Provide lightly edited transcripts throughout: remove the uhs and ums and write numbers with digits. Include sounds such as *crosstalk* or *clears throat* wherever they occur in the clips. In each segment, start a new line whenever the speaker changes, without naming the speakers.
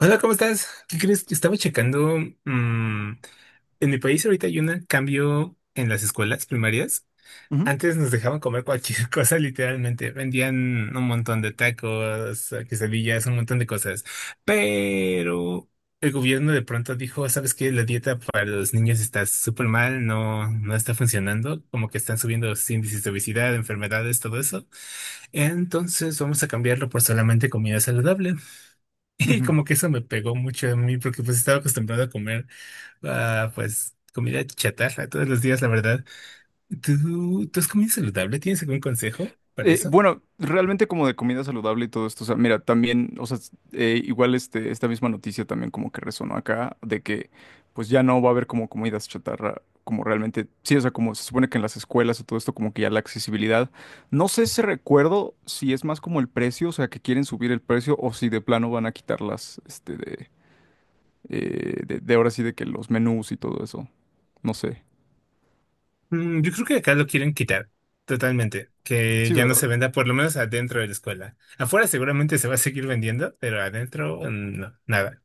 Hola, ¿cómo estás? ¿Qué crees? Estaba checando. mm, en mi país ahorita hay un cambio en las escuelas primarias.
Ujú,
Antes nos dejaban comer cualquier *laughs* cosa, literalmente. Vendían un montón de tacos, quesadillas, un montón de cosas. Pero el gobierno de pronto dijo, ¿sabes qué? La dieta para los niños está súper mal, no, no está funcionando. Como que están subiendo los índices de obesidad, enfermedades, todo eso. Entonces vamos a cambiarlo por solamente comida saludable. Y
ujú.
como que eso me pegó mucho a mí porque pues estaba acostumbrado a comer pues comida chatarra todos los días, la verdad. ¿Tú has comido saludable? ¿Tienes algún consejo para
Eh,
eso?
bueno, realmente como de comida saludable y todo esto, o sea, mira, también, o sea, igual este, esta misma noticia también como que resonó acá, de que pues ya no va a haber como comidas chatarra, como realmente, sí, o sea, como se supone que en las escuelas y todo esto, como que ya la accesibilidad, no sé si recuerdo si es más como el precio, o sea, que quieren subir el precio o si de plano van a quitarlas, este, de ahora sí de que los menús y todo eso, no sé.
Mm, yo creo que acá lo quieren quitar totalmente, que
Sí,
ya no se
¿verdad?
venda por lo menos adentro de la escuela. Afuera seguramente se va a seguir vendiendo, pero adentro no, nada.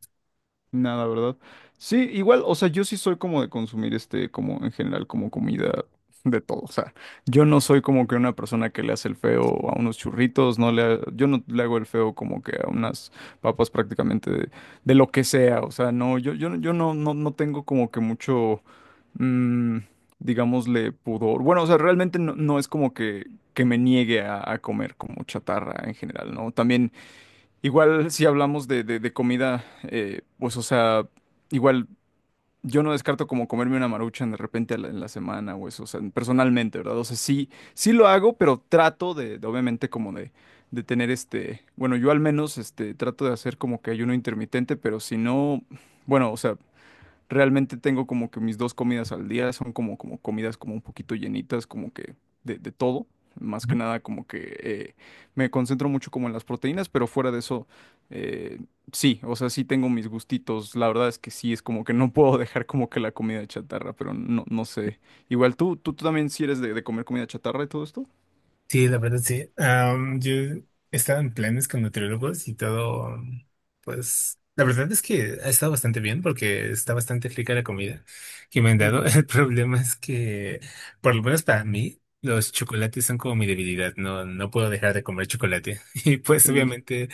Nada, ¿verdad? Sí, igual, o sea, yo sí soy como de consumir este, como en general, como comida de todo. O sea, yo no soy como que una persona que le hace el feo a unos churritos, yo no le hago el feo como que a unas papas prácticamente de lo que sea. O sea, no, no- yo no tengo como que mucho, mm, digámosle, pudor. Bueno, o sea, realmente no es como que me niegue a comer como chatarra en general, ¿no? También. Igual si hablamos de comida, pues o sea, igual yo no descarto como comerme una maruchan de repente en la semana o eso, o sea, personalmente, ¿verdad? O sea, sí, sí lo hago, pero trato de, obviamente como de tener este, bueno, yo al menos este, trato de hacer como que ayuno intermitente, pero si no, bueno, o sea, realmente tengo como que mis dos comidas al día son como, como comidas como un poquito llenitas, como que de todo. Más que nada como que me concentro mucho como en las proteínas, pero fuera de eso, eh, sí, o sea, sí tengo mis gustitos. La verdad es que sí, es como que no *laughs* puedo dejar como que la comida chatarra, pero no, no sé. Igual tú también sí eres de comer comida chatarra y todo esto.
Sí, la verdad sí. Yo estaba en planes con nutriólogos y todo, pues la verdad es que ha estado bastante bien porque está bastante rica la comida que me han dado. *laughs*
Ujú.
El problema es que, por lo menos para mí, los chocolates son como mi debilidad. No, no puedo dejar de comer chocolate. *laughs* Y pues
Sí.
obviamente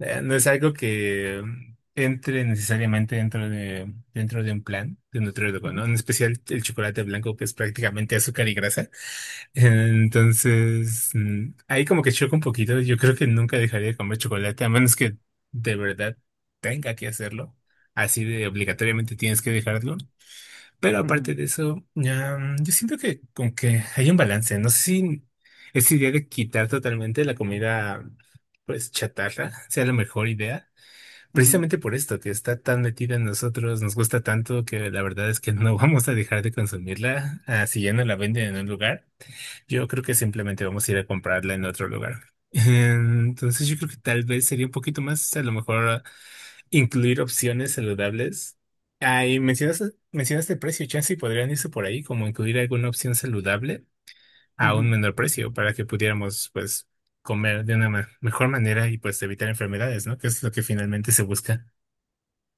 no es algo que entre necesariamente dentro de un plan de nutriólogo,
Ujú,
¿no? En especial el chocolate blanco que es prácticamente azúcar y grasa. Entonces, ahí como que choca un poquito. Yo creo que nunca dejaría de comer chocolate, a menos que de verdad tenga que hacerlo. Así de obligatoriamente tienes que dejarlo. Pero aparte de eso, ya, yo siento que con que hay un balance. No sé si esa idea de quitar totalmente la comida, pues chatarra, *laughs* sea la mejor idea.
ujú,
Precisamente por esto, que está tan metida en nosotros, nos gusta tanto que la verdad es que no *laughs* vamos a dejar de consumirla, así ya no la venden en un lugar. Yo creo que simplemente vamos a ir a comprarla en otro lugar. *laughs* Entonces yo creo que tal vez sería un poquito más, a lo mejor, incluir opciones saludables. Ah, y mencionaste el precio, chance y podrían irse por ahí, como incluir alguna opción saludable a un
Ujú.
menor precio para que pudiéramos, pues, comer de una mejor manera y pues evitar enfermedades, ¿no? Que es lo que finalmente se busca.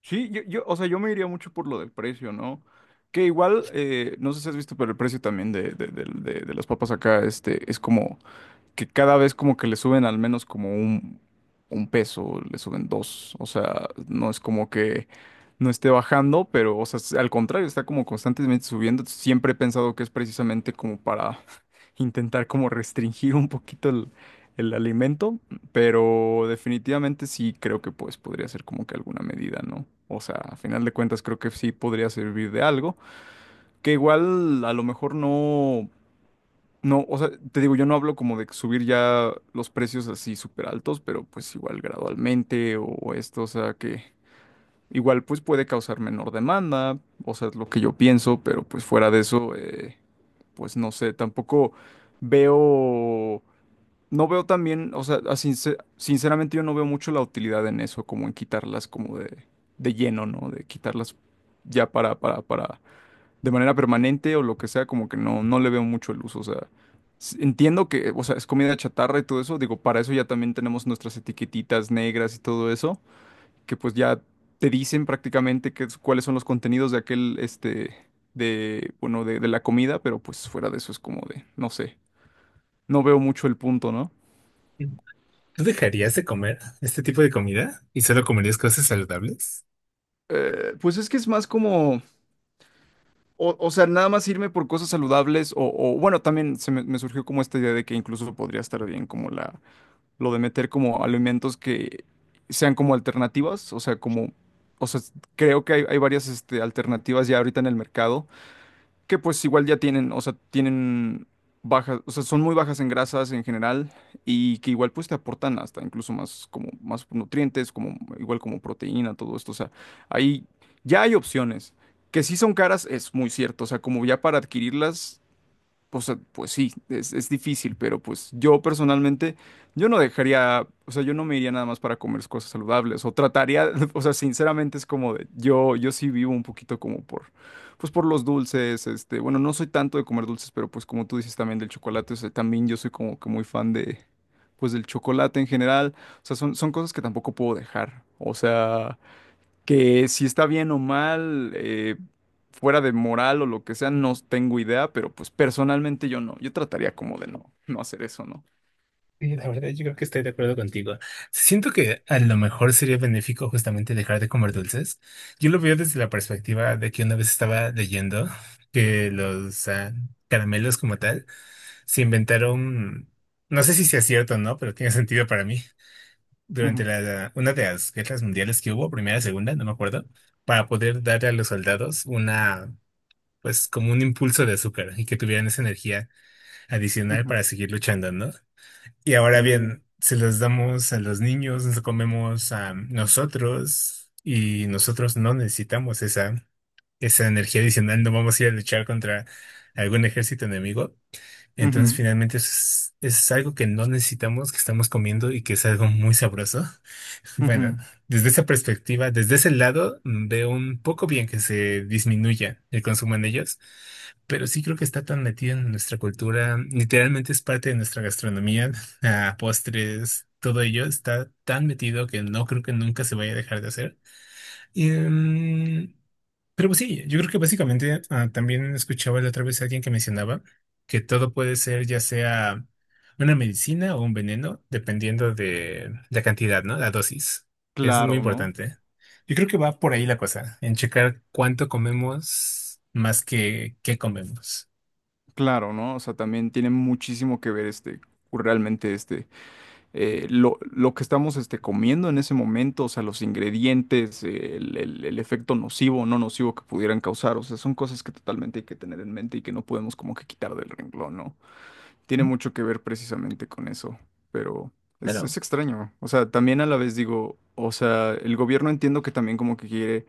Sí, o sea, yo me iría mucho por lo del precio, ¿no? Que igual, no sé si has visto, pero el precio también de las papas acá, este, es como que cada vez como que le suben al menos como un peso, le suben dos. O sea, no es como que no esté bajando, pero, o sea, al contrario, está como constantemente subiendo. Siempre he pensado que es precisamente como para *laughs* intentar como restringir un poquito el alimento, pero definitivamente sí creo que pues podría ser como que alguna medida, ¿no? O sea, a final de cuentas creo que sí podría servir de algo, que igual a lo mejor no. No, o sea, te digo, yo no hablo como de subir ya los precios así súper altos, pero pues igual gradualmente o esto, o sea, que igual pues puede causar menor demanda, o sea, es lo que yo pienso, pero pues fuera de eso, pues no sé, tampoco veo, no veo también, o sea, a sinceramente yo no veo mucho la utilidad en eso, como en quitarlas como de lleno, ¿no? De quitarlas ya para de manera permanente o lo que sea, como que no, no le veo mucho el uso. O sea, entiendo que, o sea, es comida chatarra y todo eso. Digo, para eso ya también tenemos nuestras etiquetitas negras y todo eso, que pues ya te dicen prácticamente cuáles son los contenidos de aquel, este, de, bueno, de la comida, pero pues fuera de eso es como de, no sé, no veo mucho el punto, ¿no?
¿Tú dejarías de comer este tipo de comida y solo comerías cosas saludables?
Pues es que es más como... O, o sea, nada más irme por cosas saludables o, bueno, también se me, me surgió como esta idea de que incluso podría estar bien como la, lo de meter como alimentos que sean como alternativas, o sea, como, o sea, creo que hay varias este, alternativas ya ahorita en el mercado, que pues igual ya tienen, o sea, tienen bajas, o sea, son muy bajas en grasas en general y que igual pues te aportan hasta incluso más como más nutrientes, como igual como proteína, todo esto, o sea, ahí ya hay opciones. Que sí son caras, es muy cierto, o sea, como ya para adquirirlas o sea, pues sí, es difícil, pero pues yo personalmente, yo no dejaría, o sea, yo no me iría nada más para comer cosas saludables, o trataría, *laughs* o sea, sinceramente es como de, yo sí vivo un poquito como por, pues por los dulces, este, bueno, no soy tanto de comer dulces, pero pues como tú dices también del chocolate, o sea, también yo soy como que muy fan de, pues del chocolate en general, o sea, son, son cosas que tampoco puedo dejar, o sea que si está bien o mal, fuera de moral o lo que sea, no tengo idea, pero pues personalmente yo no, yo trataría como de no, no hacer eso, ¿no?
Sí, la verdad, yo creo que estoy de acuerdo contigo. Siento que a lo mejor sería benéfico justamente dejar de comer dulces. Yo lo veo desde la perspectiva de que una vez estaba leyendo que los caramelos como tal se inventaron, no sé si sea cierto o no, pero tiene sentido para mí, durante
Ujú,
una de las guerras mundiales que hubo, primera, segunda, no me acuerdo, para poder darle a los soldados una, pues como un impulso de azúcar y que tuvieran esa energía adicional
ujú,
para seguir luchando, ¿no? Y ahora
Uh.
bien, se los damos a los niños, nos lo comemos a nosotros y nosotros no necesitamos esa energía adicional, no vamos a ir a luchar contra algún ejército enemigo. Entonces,
Ujú,
finalmente es algo que no necesitamos, que estamos comiendo y que es algo muy sabroso. *laughs* Bueno,
ujú.
desde esa perspectiva, desde ese lado, veo un poco bien que se disminuya el consumo en ellos, pero sí creo que está tan metido en nuestra cultura, literalmente es parte de nuestra gastronomía, *laughs* ah, postres, todo ello está tan metido que no creo que nunca se vaya a dejar de hacer. Em, pero pues sí, yo creo que básicamente también escuchaba la otra vez a alguien que mencionaba que todo puede ser ya sea una medicina o un veneno, dependiendo de la cantidad, ¿no? La dosis, que eso es muy
Claro, ¿no?
importante. Yo creo que va por ahí la cosa, en checar cuánto comemos más que qué comemos.
Claro, ¿no? O sea, también tiene muchísimo que ver este, realmente este, lo que estamos este, comiendo en ese momento, o sea, los ingredientes, el, el efecto nocivo o no nocivo que pudieran causar, o sea, son cosas que totalmente hay que tener en mente y que no podemos como que quitar del renglón, ¿no? Tiene mucho que ver precisamente con eso, pero
Pero
es extraño. O sea, también a la vez digo, o sea, el gobierno entiendo que también como que quiere,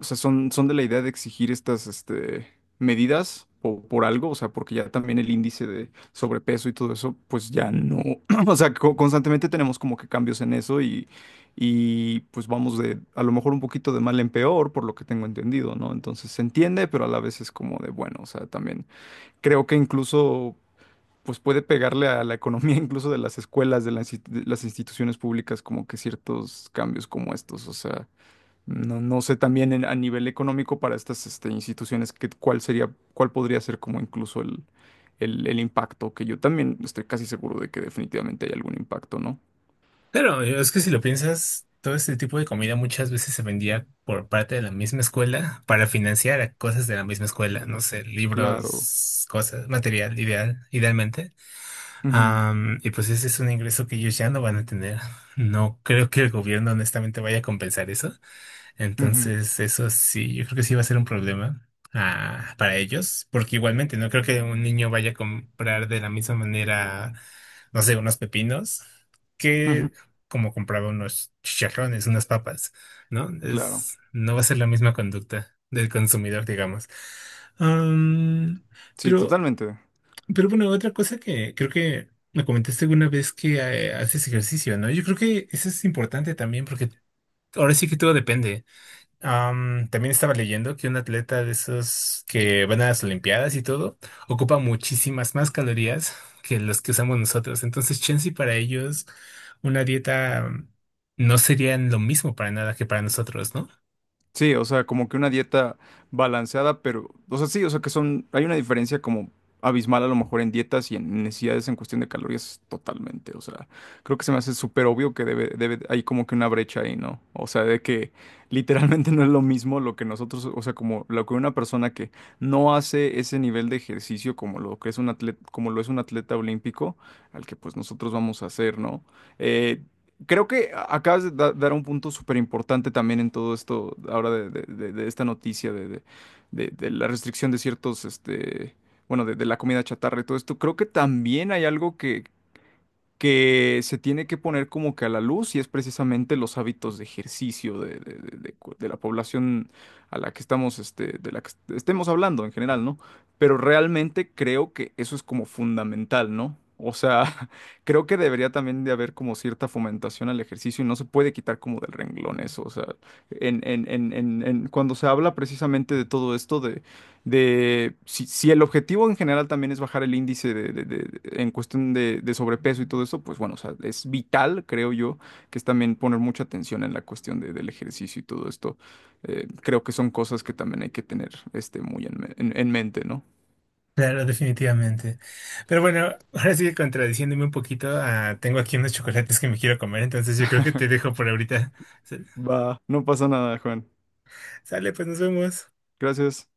o sea, son, son de la idea de exigir estas, este, medidas por, algo, o sea, porque ya también el índice de sobrepeso y todo eso, pues ya no, *clears throat* o sea, constantemente tenemos como que cambios en eso y pues vamos de, a lo mejor un poquito de mal en peor, por lo que tengo entendido, ¿no? Entonces se entiende, pero a la vez es como de, bueno, o sea, también creo que incluso pues puede pegarle a la economía *laughs* incluso de las escuelas, de las, de las instituciones públicas, como que ciertos cambios como estos. O sea, no, no sé también a nivel económico para estas este, instituciones que, cuál sería, cuál podría ser como incluso el, el impacto, que yo también estoy casi seguro de que definitivamente hay algún impacto, ¿no?
Pero es que si lo piensas, todo este tipo de comida muchas veces se vendía por parte de la misma escuela para financiar a cosas de la misma escuela, no sé,
Claro.
libros, cosas, material, ideal, idealmente.
Ujú,
Y pues ese es un ingreso que ellos ya no van a tener. No creo que el gobierno honestamente vaya a compensar eso.
ujú,
Entonces, eso sí, yo creo que sí va a ser un problema para ellos, porque igualmente no creo que un niño vaya a comprar de la misma manera, no sé, unos pepinos
Ujú.
que como compraba unos chicharrones, unas papas, ¿no?
Claro.
Es, no va a ser la misma conducta del consumidor, digamos. Am,
Sí,
pero,
totalmente.
pero bueno, otra cosa que creo que me comentaste alguna vez que haces ejercicio, ¿no? Yo creo que eso es importante también porque ahora sí que todo depende. También estaba leyendo que un atleta de esos que van a las Olimpiadas y todo ocupa muchísimas más calorías que los que usamos nosotros. Entonces, chance y para ellos una dieta no sería lo mismo para nada que para nosotros, ¿no?
Sí, o sea, como que una dieta balanceada, pero, o sea, sí, o sea, que son, hay una diferencia como abismal a lo mejor en dietas y en necesidades en cuestión de calorías totalmente, o sea, creo que se me hace súper obvio que debe, hay como que una brecha ahí, ¿no? O sea, de que *laughs* literalmente no es lo mismo lo que nosotros, o sea, como lo que una persona que no hace ese nivel de ejercicio como lo que es un atleta, como lo es un atleta olímpico, al que pues nosotros vamos a hacer, ¿no? Eh, creo que acabas de dar un punto súper importante también en todo esto, ahora de, de esta noticia de, de la restricción de ciertos, este, bueno, de la comida chatarra y todo esto. Creo que también hay algo que se tiene que poner como que a la luz y es precisamente los hábitos de ejercicio de, de la población a la que estamos, este, de la que estemos hablando en general, ¿no? Pero realmente creo que eso es como fundamental, ¿no? O sea, *laughs* creo que debería también de haber como cierta fomentación al ejercicio y no se puede quitar como del renglón eso. O sea, cuando se habla precisamente de todo esto de si, si el objetivo en general también es bajar el índice de, en cuestión de sobrepeso y todo eso, pues bueno, o sea, es vital, creo yo, que es también poner mucha atención en la cuestión del ejercicio y todo esto. Creo que son cosas que también hay que tener este, muy en, en mente, ¿no?
Claro, definitivamente. Pero bueno, ahora sí que contradiciéndome un poquito, tengo aquí unos chocolates que me quiero comer, entonces yo creo que te dejo por ahorita.
Va, no pasa nada, Juan.
*laughs* Sale, pues nos vemos.
Gracias.